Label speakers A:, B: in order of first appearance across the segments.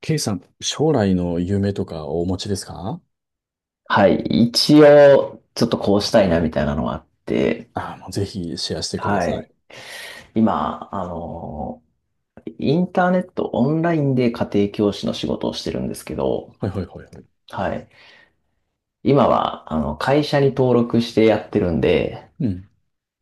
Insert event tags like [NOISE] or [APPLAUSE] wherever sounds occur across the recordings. A: K さん、将来の夢とかお持ちですか？
B: はい。一応、ちょっとこうしたいなみたいなのがあって、
A: ああー、もうぜひシェアしてくだ
B: は
A: さ
B: い。
A: い。
B: 今、インターネット、オンラインで家庭教師の仕事をしてるんですけど、
A: はいはいはいはい。
B: はい。今は、会社に登録してやってるんで、
A: うん。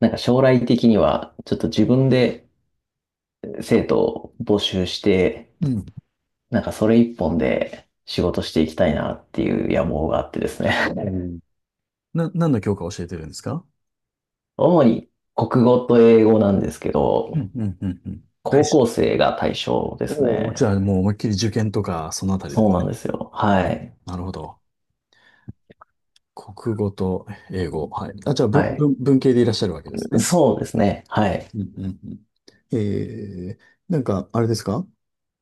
B: なんか将来的には、ちょっと自分で生徒を募集して、
A: うん。
B: なんかそれ一本で仕事していきたいなっていう野望があってですね。
A: おー、何の教科を教えてるんですか？
B: [LAUGHS] 主に国語と英語なんですけ
A: うん
B: ど、
A: うんうんうん。はい
B: 高
A: し。
B: 校生が対象です
A: おお、
B: ね。
A: じゃあもう思いっきり受験とか、そのあたりで
B: そう
A: す
B: なんで
A: ね。
B: すよ。はい。
A: なるほど。国語と英語。はい。あ、じゃあ
B: は
A: 文、
B: い。
A: 文、文系でいらっしゃるわけですね。
B: そうですね。はい。
A: うんうんうん。えー、なんか、あれですか？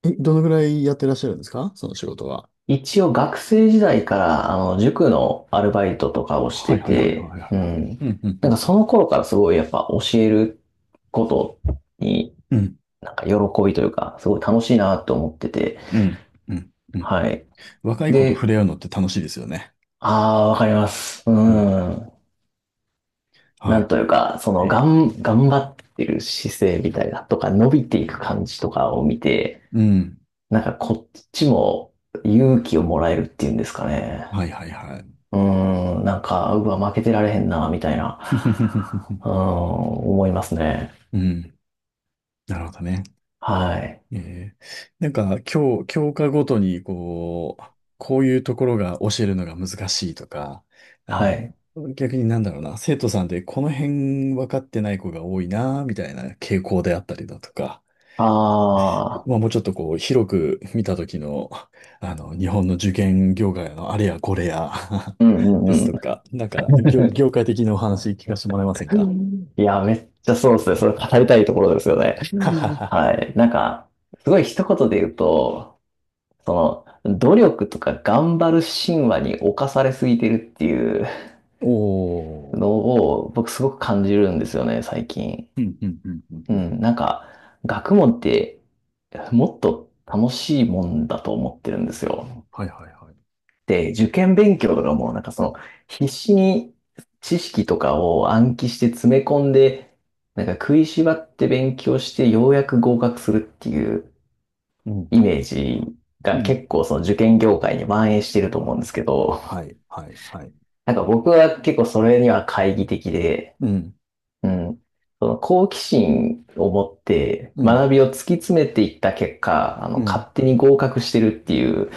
A: どのぐらいやってらっしゃるんですか、その仕事は？
B: 一応学生時代から、塾のアルバイトとかをし
A: は
B: て
A: いはいはい
B: て、
A: はいは
B: う
A: いはい。
B: ん。
A: うんう
B: なんか
A: ん。
B: その頃からすごいやっぱ教えることに、
A: うん
B: なんか喜びというか、すごい楽しいなと思ってて、
A: うんうん。うんうん。
B: はい。
A: 若い子と触
B: で、
A: れ合うのって楽しいですよね。
B: ああ、わかります。う
A: うん。
B: ん。な
A: は
B: んというか、そ
A: い。
B: の、
A: ね、
B: 頑張ってる姿勢みたいなとか、伸びていく感じとかを見て、
A: うん。
B: なんかこっちも勇気をもらえるっていうんですかね。
A: はいはいはい。
B: なんか、うわ、負けてられへんな、みたい
A: [LAUGHS]
B: な、思いますね。
A: うん。なるほどね。
B: はい。
A: えー、なんか、教科ごとに、こう、こういうところが教えるのが難しいとか、あ、
B: はい。
A: 逆になんだろうな、生徒さんでこの辺分かってない子が多いな、みたいな傾向であったりだとか、
B: ああ、
A: まあ、もうちょっとこう、広く見た時の、[LAUGHS] あの、日本の受験業界のあれやこれや
B: う
A: [LAUGHS]
B: んう
A: です
B: んう
A: とか、なんか、業界的なお話聞かせてもらえませんか？
B: ん。[LAUGHS] いや、めっちゃそうですね。それ語りたいところですよね。
A: ははは
B: はい。なんか、すごい一言で言うと、その、努力とか頑張る神話に侵されすぎてるっていう
A: [LAUGHS] お
B: の
A: ー。
B: を、僕すごく感じるんですよね、最近。
A: うん、うん、うん、うん。
B: う
A: うん、
B: ん、なんか、学問って、もっと楽しいもんだと思ってるんですよ。
A: はい、はい、はい。
B: で、受験勉強とかも、なんかその、必死に知識とかを暗記して詰め込んで、なんか食いしばって勉強して、ようやく合格するっていう
A: うん、
B: イメージ
A: う
B: が
A: ん。
B: 結構その受験業界に蔓延してると思うんですけど、
A: はい、はい、はい。
B: なんか僕は結構それには懐疑的で、
A: うん、
B: うん。その好奇心を持って
A: うん、
B: 学びを突き詰めていった結果、
A: う
B: 勝
A: ん、
B: 手に合格してるっていう、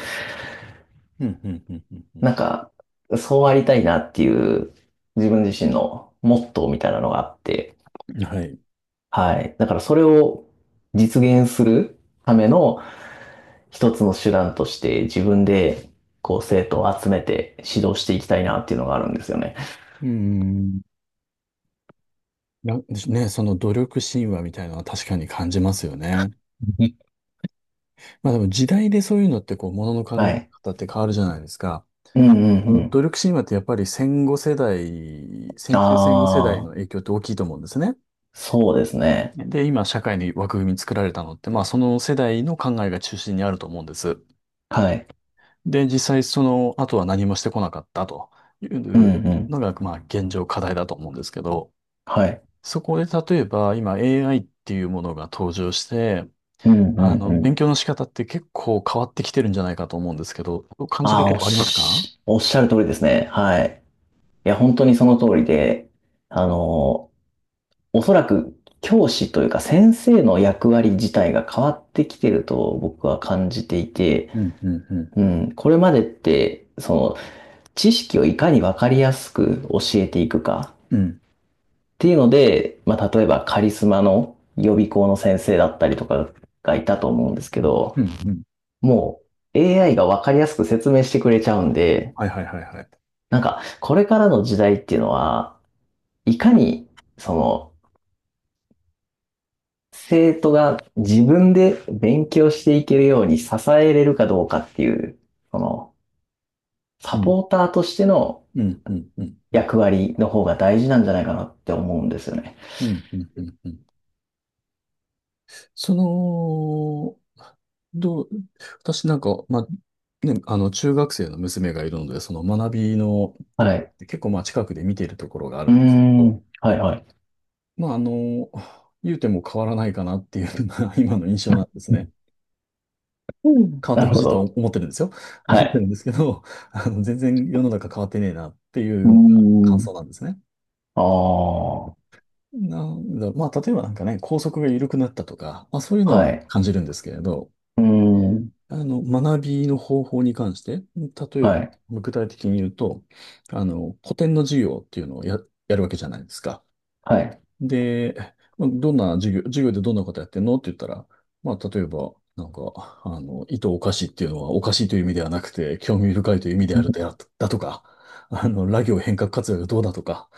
A: うん、うん、うん、うん。
B: なんか、そうありたいなっていう自分自身のモットーみたいなのがあって、
A: うん、はい。
B: はい。だからそれを実現するための一つの手段として自分でこう生徒を集めて指導していきたいなっていうのがあるんですよね。
A: うん。なね、その努力神話みたいなのは確かに感じますよね。
B: うん
A: まあでも時代でそういうのってこう、ものの考
B: は
A: え
B: い。
A: 方って変わるじゃないですか。
B: うんうんう
A: 努
B: ん。
A: 力神話ってやっぱり戦後世代、戦中戦後世代の
B: ああ、
A: 影響って大きいと思うんですね。
B: そうですね。
A: で、今社会に枠組み作られたのって、まあその世代の考えが中心にあると思うんです。
B: はい。
A: で、実際その後は何もしてこなかったとい
B: うん
A: う
B: うん。
A: のが、まあ現状課題だと思うんですけど、
B: はい。
A: そこで例えば今 AI っていうものが登場して、
B: うんう
A: あ
B: ん
A: の、
B: う
A: 勉
B: ん。
A: 強の仕方って結構変わってきてるんじゃないかと思うんですけど、そう感じ
B: あ
A: る
B: あ、
A: とこありますか？
B: おっしゃる通りですね。はい。いや、本当にその通りで、あの、おそらく教師というか先生の役割自体が変わってきてると僕は感じていて、
A: うん、うん、う
B: う
A: ん、うん。
B: ん、これまでって、その、知識をいかにわかりやすく教えていくかっ
A: うん、
B: ていうので、まあ、例えばカリスマの予備校の先生だったりとかがいたと思うんですけど、
A: うん、うん。
B: もう AI がわかりやすく説明してくれちゃうんで、
A: はいはいはいはい。
B: なんか、これからの時代っていうのは、いかに、その、生徒が自分で勉強していけるように支えれるかどうかっていう、その、サ
A: うん、
B: ポーターとしての
A: うん、うん、うん、うん、
B: 役割の方が大事なんじゃないかなって思うんですよね。
A: うん、うん、うん。うん。その、どう、私なんか、まあ、ね、あの、中学生の娘がいるので、その学びのと
B: は
A: ころっ
B: い。
A: て結構、まあ、近くで見ているところがある
B: うー
A: んですけ
B: ん。
A: ど、
B: はいはい。
A: まあ、あの、言うても変わらないかなっていうのが [LAUGHS] 今の印象なんですね。
B: うん。
A: 変わっ
B: な
A: て
B: る
A: ほし
B: ほ
A: いとは
B: ど。
A: 思ってるんですよ。思
B: は
A: ってる
B: い。
A: んですけど、あの、全然世の中変わってねえなってい
B: う
A: うのが
B: ー
A: 感想
B: ん。
A: なんですね。
B: ああ。
A: なんだ、まあ、例えばなんかね、校則が緩くなったとか、まあ、そういうのは
B: はい。
A: 感じるんですけれど、
B: うーん。
A: あの、学びの方法に関して、例え
B: は
A: ば、
B: い。
A: 具体的に言うと、あの、古典の授業っていうのをやるわけじゃないですか。
B: はい。
A: で、まあどんな授業でどんなことやってんのって言ったら、まあ、例えば、なんか、あの、意図おかしいっていうのはおかしいという意味ではなくて、興味深いという意味であるだとか、あの、ラ行変革活用がどうだとか、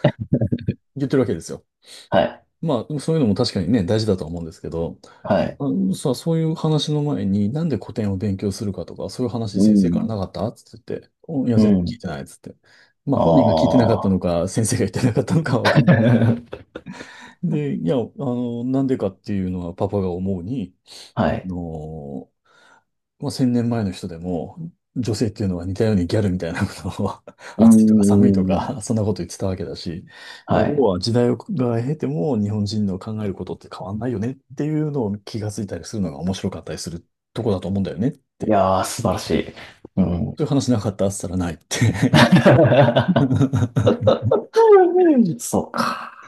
A: 言ってるわけですよ。
B: はい。
A: まあ、そういうのも確かにね、大事だとは思うんですけど、
B: はい。
A: あのさ、そういう話の前に、なんで古典を勉強するかとか、そういう話
B: うー
A: 先生から
B: ん。
A: なかったっつって言って、いや、
B: う
A: 全然聞い
B: ん。
A: てないっつって。まあ、
B: あ
A: 本人が聞いてなかったの
B: あ。
A: か、先生が言ってなかったのかはわかんない。
B: [LAUGHS]
A: で、いや、あの、なんでかっていうのはパパが思うに、
B: は
A: あ
B: い。
A: のもう1000年前の人でも、女性っていうのは似たようにギャルみたいなことを [LAUGHS]
B: うー
A: 暑いとか寒いと
B: ん。
A: か、そんなこと言ってたわけだし、まあ、
B: は
A: 要
B: い。
A: は時代をが経ても日本人の考えることって変わんないよねっていうのを気がついたりするのが面白かったりするとこだと思うんだよねっ
B: い
A: て。
B: やー、素晴らしい。うん。
A: そういう話なかったっつったらないって。
B: [LAUGHS]
A: [LAUGHS]
B: そうか。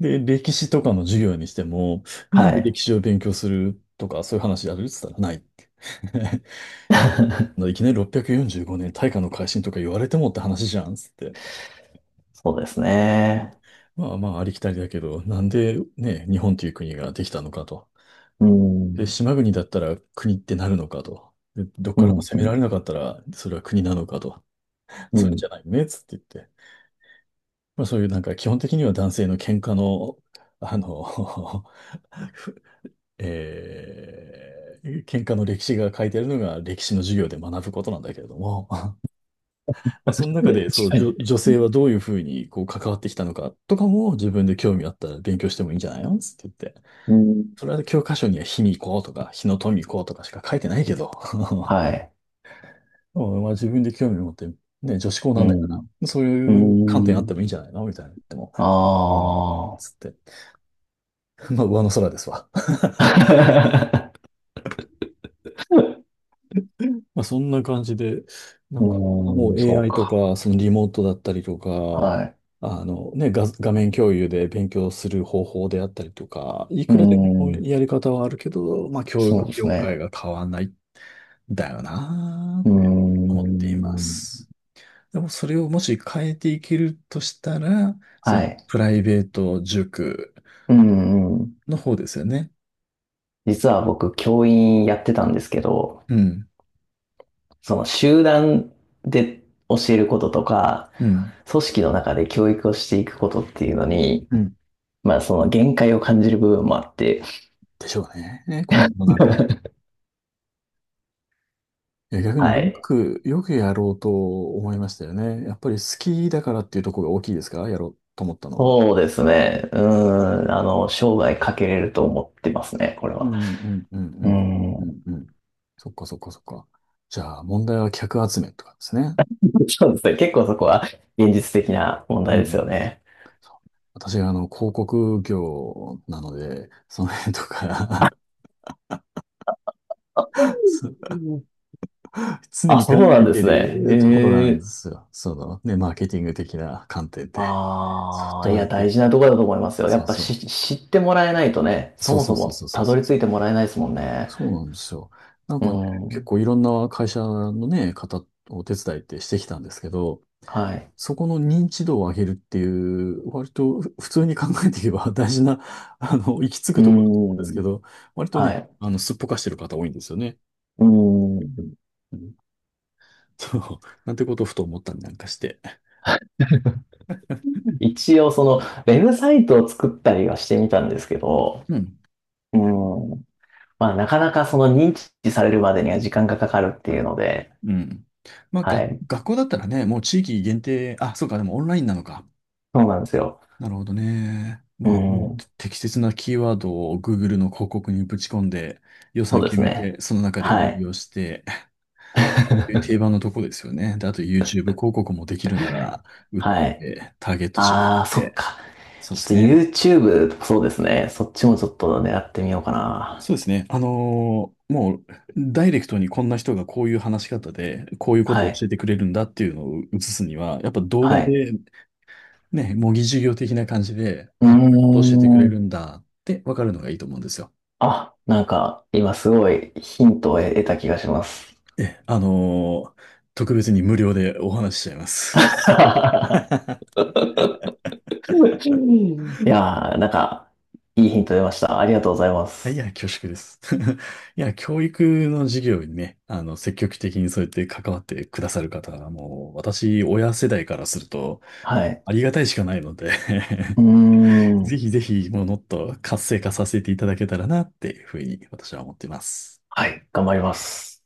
A: で、歴史とかの授業にしても、なん
B: は
A: で
B: い。
A: 歴史を勉強するとか、そういう話やるっつったらないって。[LAUGHS] いきなり645年大化の改新とか言われてもって話じゃんっつって。
B: そうです
A: ね、
B: ね。
A: まあまあありきたりだけど、なんでね、日本という国ができたのかと。
B: う
A: で、
B: ん。
A: 島国だったら国ってなるのかと。で、どっ
B: う
A: から
B: ん。
A: も
B: う
A: 攻めら
B: ん。
A: れなかったらそれは国なのかと。
B: う
A: それ
B: ん
A: じゃないよねっつって言って。まあそういうなんか基本的には男性の喧嘩の、あの [LAUGHS] ふえー喧嘩の歴史が書いてあるのが歴史の授業で学ぶことなんだけれども、まあ、そ
B: 確
A: の中で、そう、
B: か
A: 女、
B: に。
A: 女性はどういうふうに、こう、関わってきたのかとかも、自分で興味あったら勉強してもいいんじゃないのつって言って。
B: うん。
A: それは教科書には卑弥呼とか、日野富子とかしか書いてないけど。[LAUGHS]
B: はい。
A: でもまあ、自分で興味持って、ね、女子校
B: う
A: なんだか
B: ん。
A: ら、そう
B: う
A: いう観点あっ
B: ん。
A: てもいいんじゃないのみたいな。でも、
B: あ
A: ああ、つって。まあ、上の空ですわ。
B: あ。[LAUGHS]
A: まあ、そんな感じで、な
B: う
A: んかも
B: ー
A: う
B: ん、そう
A: AI と
B: か。
A: か、そのリモートだったりとか、
B: はい。
A: あのね、画面共有で勉強する方法であったりとか、い
B: うー
A: くらでも
B: ん。
A: やり方はあるけど、まあ、教
B: そう
A: 育
B: です
A: 業界
B: ね。
A: が変わんないんだよな
B: うー
A: ぁ、思っていま
B: ん。
A: す。でもそれをもし変えていけるとしたら、その
B: はい。
A: プライベート塾
B: うんうん。
A: の方ですよね。
B: 実は僕、教員やってたんですけど、
A: うん、
B: その集団で教えることとか、
A: うん、
B: 組織の中で教育をしていくことっていうのに、
A: うん。
B: まあその限界を感じる部分もあって、
A: でしょうね。この世の中。
B: [LAUGHS]
A: いや、逆に
B: は
A: よ
B: い。
A: く、よくやろうと思いましたよね。やっぱり好きだからっていうところが大きいですか、やろうと思ったのは？
B: そうですね。うーん。生涯かけれると思ってますね、これ
A: う
B: は。
A: んうんうんう
B: うー
A: んうんう
B: ん。
A: んうん。そっかそっかそっか。じゃあ問題は客集めとかですね。
B: そうですね。結構そこは現実的な問
A: う
B: 題ですよ
A: ん。
B: ね。
A: そう、私があの広告業なので、その辺とか [LAUGHS] そ
B: う
A: う
B: ん
A: 常
B: あ、
A: に
B: そ
A: 考
B: うなん
A: え
B: で
A: てい
B: すね。
A: るところなん
B: え
A: で
B: え
A: すよ。そのね、マーケティング的な観点で。そう、
B: ああ、
A: ど
B: い
A: うや
B: や、
A: っ
B: 大
A: て、
B: 事なところだと思いますよ。や
A: そ
B: っ
A: う
B: ぱ
A: そう。
B: し、知ってもらえないとね、そ
A: そう
B: も
A: そう
B: そ
A: そう
B: も
A: そうそう
B: たど
A: そ
B: り着
A: う。
B: いてもらえないですもんね。
A: そうなんですよ。なん
B: う
A: かね、結
B: ん。
A: 構いろんな会社のね、方を手伝いってしてきたんですけど、
B: はい。
A: そこの認知度を上げるっていう、割と[LAUGHS] 普通に考えていけば [LAUGHS] 大事な、[LAUGHS] あの、行き着く
B: う
A: ところだと思うんです
B: ん。
A: けど、割と
B: は
A: ね、
B: い。
A: あの、すっぽかしてる方多いんですよね。
B: うん。
A: うん、そう、なんてことをふと思ったりなんかして。[LAUGHS]
B: 一応、ウェブサイトを作ったりはしてみたんですけど、
A: うん。
B: うん。まあ、なかなかその認知されるまでには時間がかかるっていうので、
A: うん。まあ、
B: はい。
A: 学校だったらね、もう地域限定、あ、そうか、でもオンラインなのか。
B: そうなんですよ。
A: なるほどね。
B: う
A: まあ、もう
B: ん。
A: 適切なキーワードを Google の広告にぶち込んで、予
B: そ
A: 算
B: うで
A: 決
B: す
A: め
B: ね。
A: て、その中で運
B: はい。
A: 用して、[LAUGHS] 定番
B: [LAUGHS]
A: のとこですよね。で、あと YouTube 広告もできるなら、打っ
B: はい。
A: て、ターゲット絞っ
B: ああ、そっ
A: て、
B: か。
A: そう
B: ちょ
A: で
B: っ
A: す
B: と
A: ね。
B: YouTube とかそうですね。そっちもちょっと狙ってみようかな。
A: そうですね。もう、ダイレクトにこんな人がこういう話し方で、こういうこ
B: は
A: とを教
B: い。
A: えてくれるんだっていうのを映すには、やっぱ動
B: は
A: 画
B: い。
A: で、ね、模擬授業的な感じで、
B: うー
A: あ、こういうことを教えてくれ
B: ん。
A: るんだって分かるのがいいと思うんですよ。
B: あ、なんか、今すごいヒントを得た気がします。
A: え、特別に無料でお話ししちゃいます。
B: [LAUGHS] いやー、なんか、いいヒント出ました。ありがとうございま
A: はい、い
B: す。
A: や、恐縮です。[LAUGHS] いや、教育の授業にね、あの、積極的にそうやって関わってくださる方は、もう、私、親世代からすると、
B: はい。
A: ありがたいしかないので
B: うー
A: [LAUGHS] ぜ
B: ん。
A: ひぜひ、もう、もっと活性化させていただけたらな、っていうふうに、私は思っています。
B: はい。頑張ります。